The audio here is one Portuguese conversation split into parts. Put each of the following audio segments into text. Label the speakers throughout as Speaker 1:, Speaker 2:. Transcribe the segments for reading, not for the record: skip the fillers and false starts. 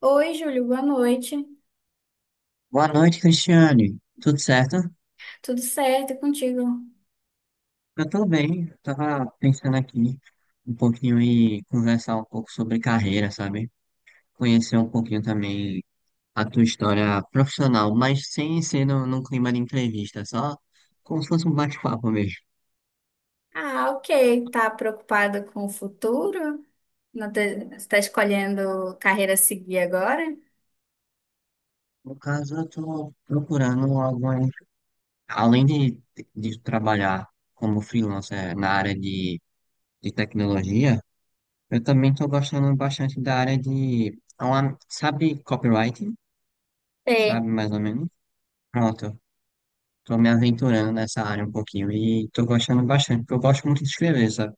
Speaker 1: Oi, Júlio, boa noite.
Speaker 2: Boa noite, Cristiane. Tudo certo?
Speaker 1: Tudo certo e contigo?
Speaker 2: Eu tô bem. Tava pensando aqui um pouquinho e conversar um pouco sobre carreira, sabe? Conhecer um pouquinho também a tua história profissional, mas sem ser no, num clima de entrevista, só como se fosse um bate-papo mesmo.
Speaker 1: Ah, ok. Tá preocupada com o futuro? Não te- Você está escolhendo carreira a seguir agora?
Speaker 2: No caso, eu tô procurando algumas, além de trabalhar como freelancer na área de tecnologia, eu também tô gostando bastante da área de, sabe, copyright?
Speaker 1: É.
Speaker 2: Sabe? Mais ou menos. Pronto, tô me aventurando nessa área um pouquinho e tô gostando bastante, porque eu gosto muito de escrever, sabe?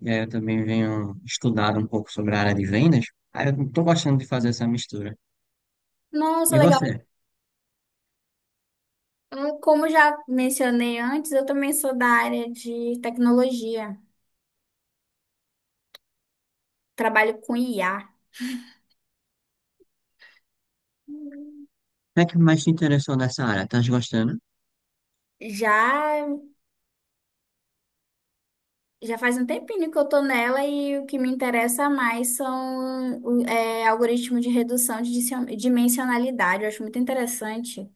Speaker 2: E aí eu também venho estudado um pouco sobre a área de vendas, aí eu tô gostando de fazer essa mistura.
Speaker 1: Nossa,
Speaker 2: E
Speaker 1: legal.
Speaker 2: você?
Speaker 1: Como já mencionei antes, eu também sou da área de tecnologia. Trabalho com IA.
Speaker 2: Como é que mais te interessou nessa área? Tá gostando?
Speaker 1: Já, já faz um tempinho que eu tô nela e o que me interessa mais são algoritmos de redução de dimensionalidade. Eu acho muito interessante.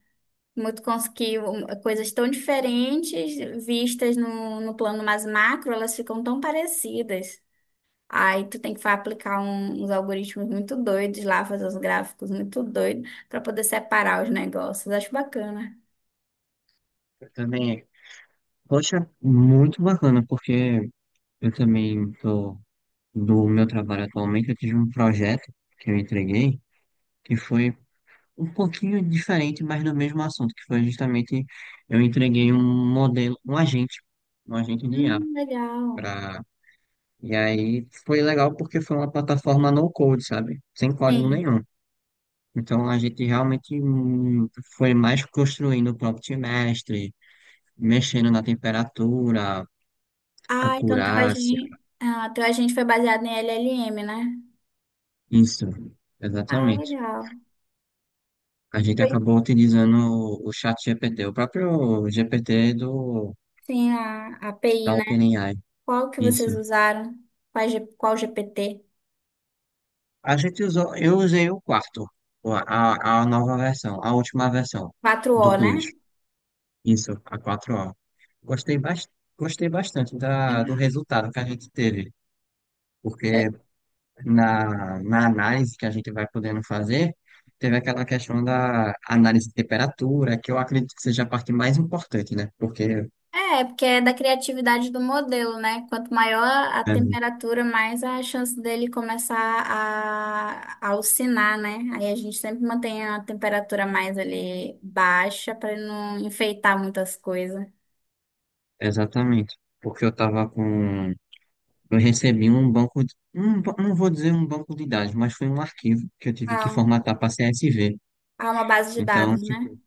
Speaker 1: Muito conseguiu um, coisas tão diferentes vistas no plano mais macro, elas ficam tão parecidas. Aí tu tem que aplicar uns algoritmos muito doidos lá, fazer uns gráficos muito doidos para poder separar os negócios. Acho bacana.
Speaker 2: Eu também, poxa, muito bacana, porque eu também tô, do meu trabalho atualmente, eu tive um projeto que eu entreguei, que foi um pouquinho diferente, mas no mesmo assunto, que foi justamente eu entreguei um modelo, um agente de IA
Speaker 1: Legal.
Speaker 2: para e aí foi legal porque foi uma plataforma no code, sabe? Sem código
Speaker 1: Sim.
Speaker 2: nenhum. Então a gente realmente foi mais construindo o prompt mestre, mexendo na temperatura,
Speaker 1: Ah, então teu
Speaker 2: acurácia,
Speaker 1: agente, ah, teu agente foi baseado em LLM, né?
Speaker 2: isso,
Speaker 1: Ah,
Speaker 2: exatamente.
Speaker 1: legal.
Speaker 2: A gente
Speaker 1: Foi
Speaker 2: acabou utilizando o chat GPT, o próprio GPT do
Speaker 1: sim a API,
Speaker 2: da
Speaker 1: né?
Speaker 2: OpenAI.
Speaker 1: Qual que vocês
Speaker 2: Isso,
Speaker 1: usaram? Qual GPT?
Speaker 2: a gente usou, eu usei o quarto, a nova versão, a última versão
Speaker 1: Quatro
Speaker 2: do
Speaker 1: o, né?
Speaker 2: Plus. Isso, a quatro o. Gostei, bas- gostei bastante da, do
Speaker 1: Legal.
Speaker 2: resultado que a gente teve, porque na análise que a gente vai podendo fazer, teve aquela questão da análise de temperatura, que eu acredito que seja a parte mais importante, né? Porque,
Speaker 1: É, porque é da criatividade do modelo, né? Quanto maior a
Speaker 2: é,
Speaker 1: temperatura, mais a chance dele começar a alcinar, né? Aí a gente sempre mantém a temperatura mais ali baixa para não enfeitar muitas coisas.
Speaker 2: exatamente, porque eu estava com. Eu recebi um banco, de- um, ba- não vou dizer um banco de dados, mas foi um arquivo que eu tive que
Speaker 1: Ah,
Speaker 2: formatar para CSV.
Speaker 1: há uma base de
Speaker 2: Então,
Speaker 1: dados, né?
Speaker 2: tipo,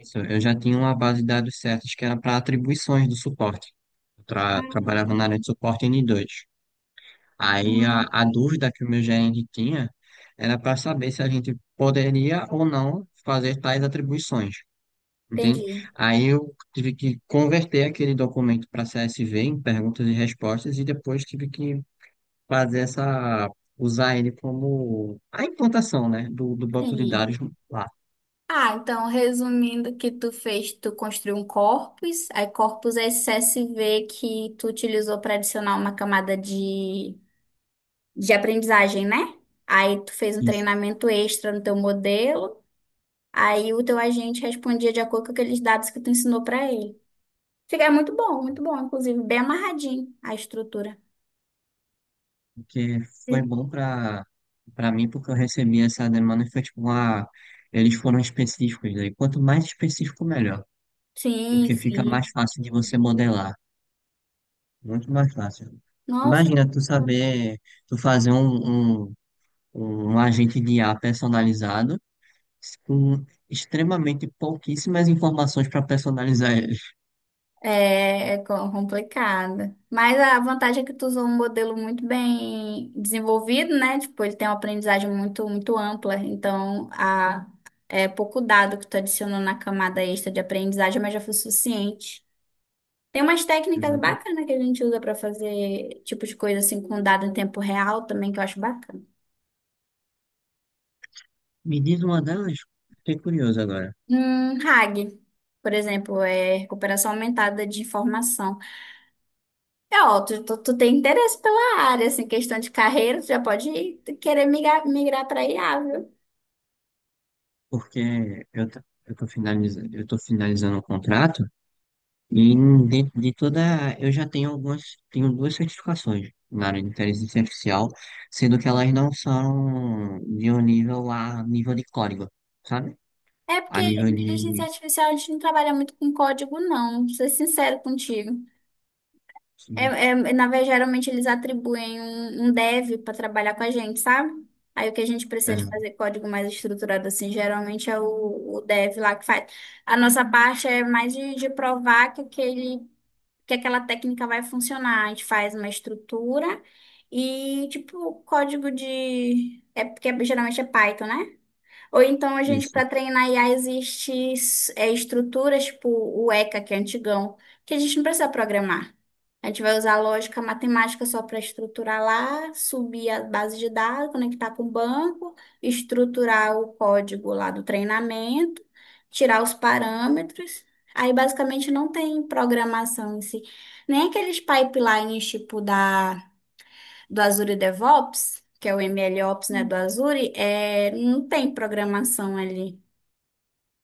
Speaker 2: isso, eu já tinha uma base de dados certas que era para atribuições do suporte. Trabalhava
Speaker 1: Ah,
Speaker 2: na área de suporte n dois. Aí
Speaker 1: hum,
Speaker 2: a dúvida que o meu gerente tinha era para saber se a gente poderia ou não fazer tais atribuições. Entende?
Speaker 1: entendi.
Speaker 2: Aí eu tive que converter aquele documento para CSV em perguntas e respostas e depois tive que fazer essa, usar ele como a implantação, né, do banco de
Speaker 1: Sim.
Speaker 2: dados lá.
Speaker 1: Ah, então, resumindo o que tu fez, tu construiu um corpus, aí corpus é esse CSV que tu utilizou para adicionar uma camada de aprendizagem, né? Aí tu fez um
Speaker 2: Isso,
Speaker 1: treinamento extra no teu modelo, aí o teu agente respondia de acordo com aqueles dados que tu ensinou para ele. Fica é muito bom, inclusive, bem amarradinho a estrutura.
Speaker 2: porque foi bom para para mim, porque eu recebi essa demanda e foi tipo, ah, eles foram específicos, né? E quanto mais específico, melhor,
Speaker 1: Sim,
Speaker 2: porque fica mais
Speaker 1: sim.
Speaker 2: fácil de você modelar, muito mais fácil.
Speaker 1: Nossa,
Speaker 2: Imagina tu saber, tu fazer um agente de IA personalizado com extremamente pouquíssimas informações para personalizar ele.
Speaker 1: é complicado. Mas a vantagem é que tu usou um modelo muito bem desenvolvido, né? Tipo, ele tem uma aprendizagem muito, muito ampla. Então, é pouco dado que tu adicionou na camada extra de aprendizagem, mas já foi suficiente. Tem umas técnicas
Speaker 2: Exatamente.
Speaker 1: bacanas que a gente usa para fazer tipo de coisa assim com dado em tempo real também que eu acho bacana.
Speaker 2: Me diz uma delas. Fiquei curioso agora,
Speaker 1: RAG, por exemplo, é recuperação aumentada de informação. É, ó, tu tem interesse pela área, assim, questão de carreira, tu já pode querer migrar, migrar para IA, viu?
Speaker 2: porque eu tô finalizando o contrato e dentro de toda, eu já tenho algumas, tenho duas certificações na área de inteligência artificial, sendo que elas não são de um nível a nível de código, sabe?
Speaker 1: É porque
Speaker 2: A nível de,
Speaker 1: inteligência artificial a gente não trabalha muito com código, não. Vou ser sincero contigo.
Speaker 2: de-
Speaker 1: Na verdade, geralmente eles atribuem um dev para trabalhar com a gente, sabe? Aí o que a gente precisa de
Speaker 2: é,
Speaker 1: fazer código mais estruturado assim, geralmente é o dev lá que faz. A nossa parte é mais de provar que aquele, que aquela técnica vai funcionar. A gente faz uma estrutura e tipo código de é porque geralmente é Python, né? Ou então a gente,
Speaker 2: isso,
Speaker 1: para treinar IA, existe estruturas tipo o ECA, que é antigão, que a gente não precisa programar. A gente vai usar a lógica matemática só para estruturar lá, subir a base de dados, conectar com o banco, estruturar o código lá do treinamento, tirar os parâmetros. Aí basicamente não tem programação em si. Nem aqueles pipelines tipo da do Azure DevOps, que é o MLOps, né, do Azure, não tem programação ali.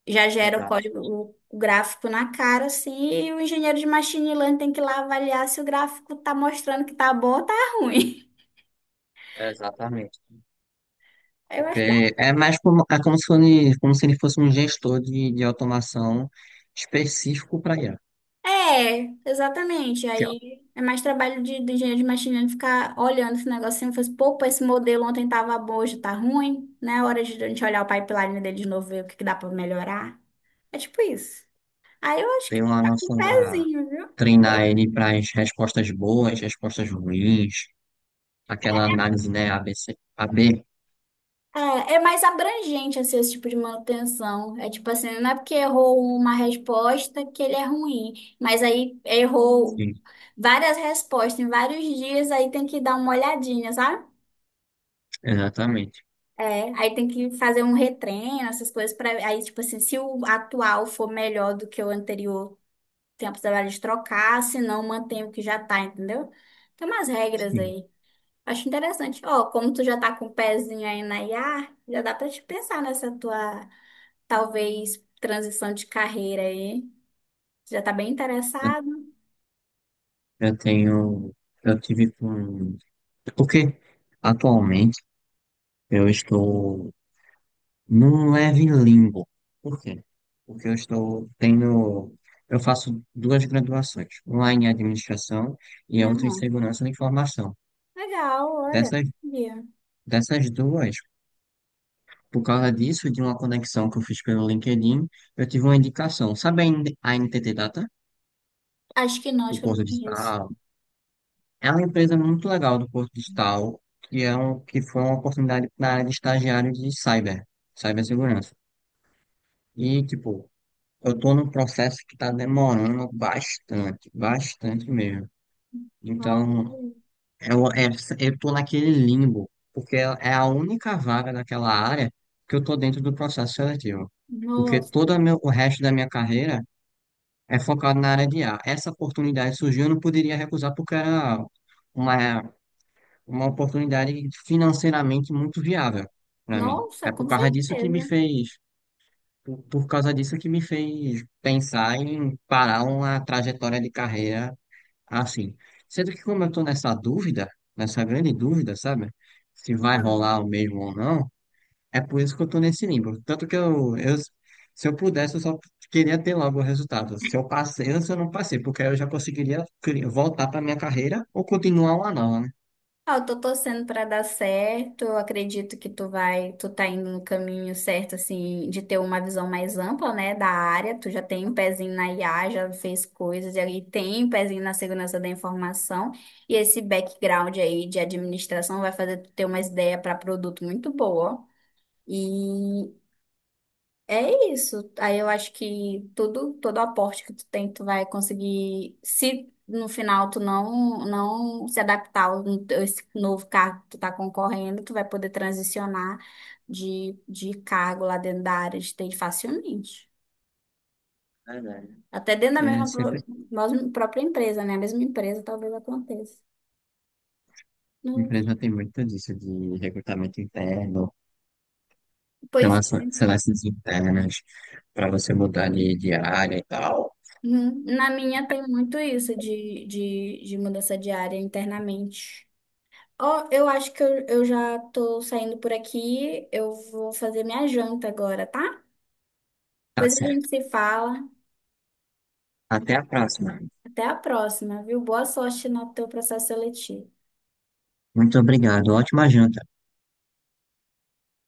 Speaker 1: Já gera o
Speaker 2: exato,
Speaker 1: código, o gráfico na cara, assim, e o engenheiro de machine learning tem que ir lá avaliar se o gráfico tá mostrando que tá bom ou tá ruim.
Speaker 2: exatamente.
Speaker 1: Eu acho que
Speaker 2: Porque é mais como, é como se fosse, como se ele fosse um gestor de automação específico para IA.
Speaker 1: é, exatamente. Aí é mais trabalho do engenheiro de machine learning ficar olhando esse negocinho e falar assim, pô, pô, esse modelo ontem tava bom, hoje tá ruim, né? Hora de a gente olhar o pipeline dele de novo, ver o que que dá pra melhorar. É tipo isso. Aí eu acho que
Speaker 2: Tem uma
Speaker 1: tá com um
Speaker 2: noção da
Speaker 1: pezinho, viu? Oi?
Speaker 2: treinar ele para as respostas boas, respostas ruins, aquela análise, né? A B, C, A B.
Speaker 1: É mais abrangente assim, esse tipo de manutenção. É tipo assim, não é porque errou uma resposta que ele é ruim, mas aí errou
Speaker 2: Sim,
Speaker 1: várias respostas em vários dias, aí tem que dar uma olhadinha, sabe?
Speaker 2: exatamente.
Speaker 1: É, aí tem que fazer um retreino, essas coisas para aí tipo assim, se o atual for melhor do que o anterior, tem a possibilidade de trocar, se não mantém o que já tá, entendeu? Tem umas regras
Speaker 2: Sim.
Speaker 1: aí. Acho interessante. Ó, como tu já tá com o pezinho aí na IA, já dá pra te pensar nessa tua, talvez, transição de carreira aí. Já tá bem
Speaker 2: Eu
Speaker 1: interessado?
Speaker 2: eu tenho, eu tive com. Porque atualmente eu estou num leve limbo. Por quê? Porque eu estou, tenho, eu faço duas graduações, uma em administração e a
Speaker 1: Né?
Speaker 2: outra em segurança da informação.
Speaker 1: Legal, olha.
Speaker 2: Dessas,
Speaker 1: Sabia.
Speaker 2: dessas duas, por causa disso, de uma conexão que eu fiz pelo LinkedIn, eu tive uma indicação. Sabe a NTT Data,
Speaker 1: Acho que não, acho
Speaker 2: do
Speaker 1: que eu não
Speaker 2: Porto de
Speaker 1: conheço.
Speaker 2: Tal? É uma empresa muito legal do Porto de Tal, que, é um, que foi uma oportunidade na área de estagiário de cyber, cibersegurança. E, tipo, eu tô num processo que tá demorando bastante, bastante mesmo.
Speaker 1: Ó,
Speaker 2: Então,
Speaker 1: olha.
Speaker 2: eu, é, eu tô naquele limbo, porque é a única vaga daquela área que eu tô dentro do processo seletivo. Porque todo
Speaker 1: Nossa,
Speaker 2: o resto da minha carreira é focado na área de A. Essa oportunidade surgiu, eu não poderia recusar porque era uma, uma oportunidade financeiramente muito viável para mim.
Speaker 1: nossa,
Speaker 2: É por
Speaker 1: com
Speaker 2: causa disso que me
Speaker 1: certeza.
Speaker 2: fez, por causa disso que me fez pensar em parar uma trajetória de carreira assim. Sendo que como eu estou nessa dúvida, nessa grande dúvida, sabe? Se vai rolar o mesmo ou não, é por isso que eu tô nesse limbo. Tanto que se eu pudesse, eu só queria ter logo o resultado. Se eu passei ou se eu não passei, porque aí eu já conseguiria voltar para minha carreira ou continuar lá nova, né?
Speaker 1: Ah, eu tô torcendo pra dar certo. Eu acredito que tu vai, tu tá indo no caminho certo, assim, de ter uma visão mais ampla, né, da área. Tu já tem um pezinho na IA, já fez coisas, e aí tem um pezinho na segurança da informação. E esse background aí de administração vai fazer tu ter uma ideia para produto muito boa. E é isso. Aí eu acho que tudo, todo aporte que tu tem, tu vai conseguir, se no final tu não, não se adaptar a esse novo cargo que tu tá concorrendo, tu vai poder transicionar de cargo lá dentro da área de TI facilmente.
Speaker 2: Verdade.
Speaker 1: Até dentro da
Speaker 2: Porque
Speaker 1: mesma,
Speaker 2: sempre
Speaker 1: mesma própria empresa, né? A mesma empresa talvez aconteça.
Speaker 2: a
Speaker 1: Não-
Speaker 2: empresa tem muito disso de recrutamento interno,
Speaker 1: Pois,
Speaker 2: seleções internas, para você mudar de área e tal.
Speaker 1: uhum. Na minha tem muito isso de mudança de área internamente. Ó, eu acho que eu já tô saindo por aqui. Eu vou fazer minha janta agora, tá?
Speaker 2: Tá
Speaker 1: Depois a gente
Speaker 2: certo.
Speaker 1: se fala.
Speaker 2: Até a próxima.
Speaker 1: Até a próxima, viu? Boa sorte no teu processo seletivo.
Speaker 2: Muito obrigado. Ótima janta.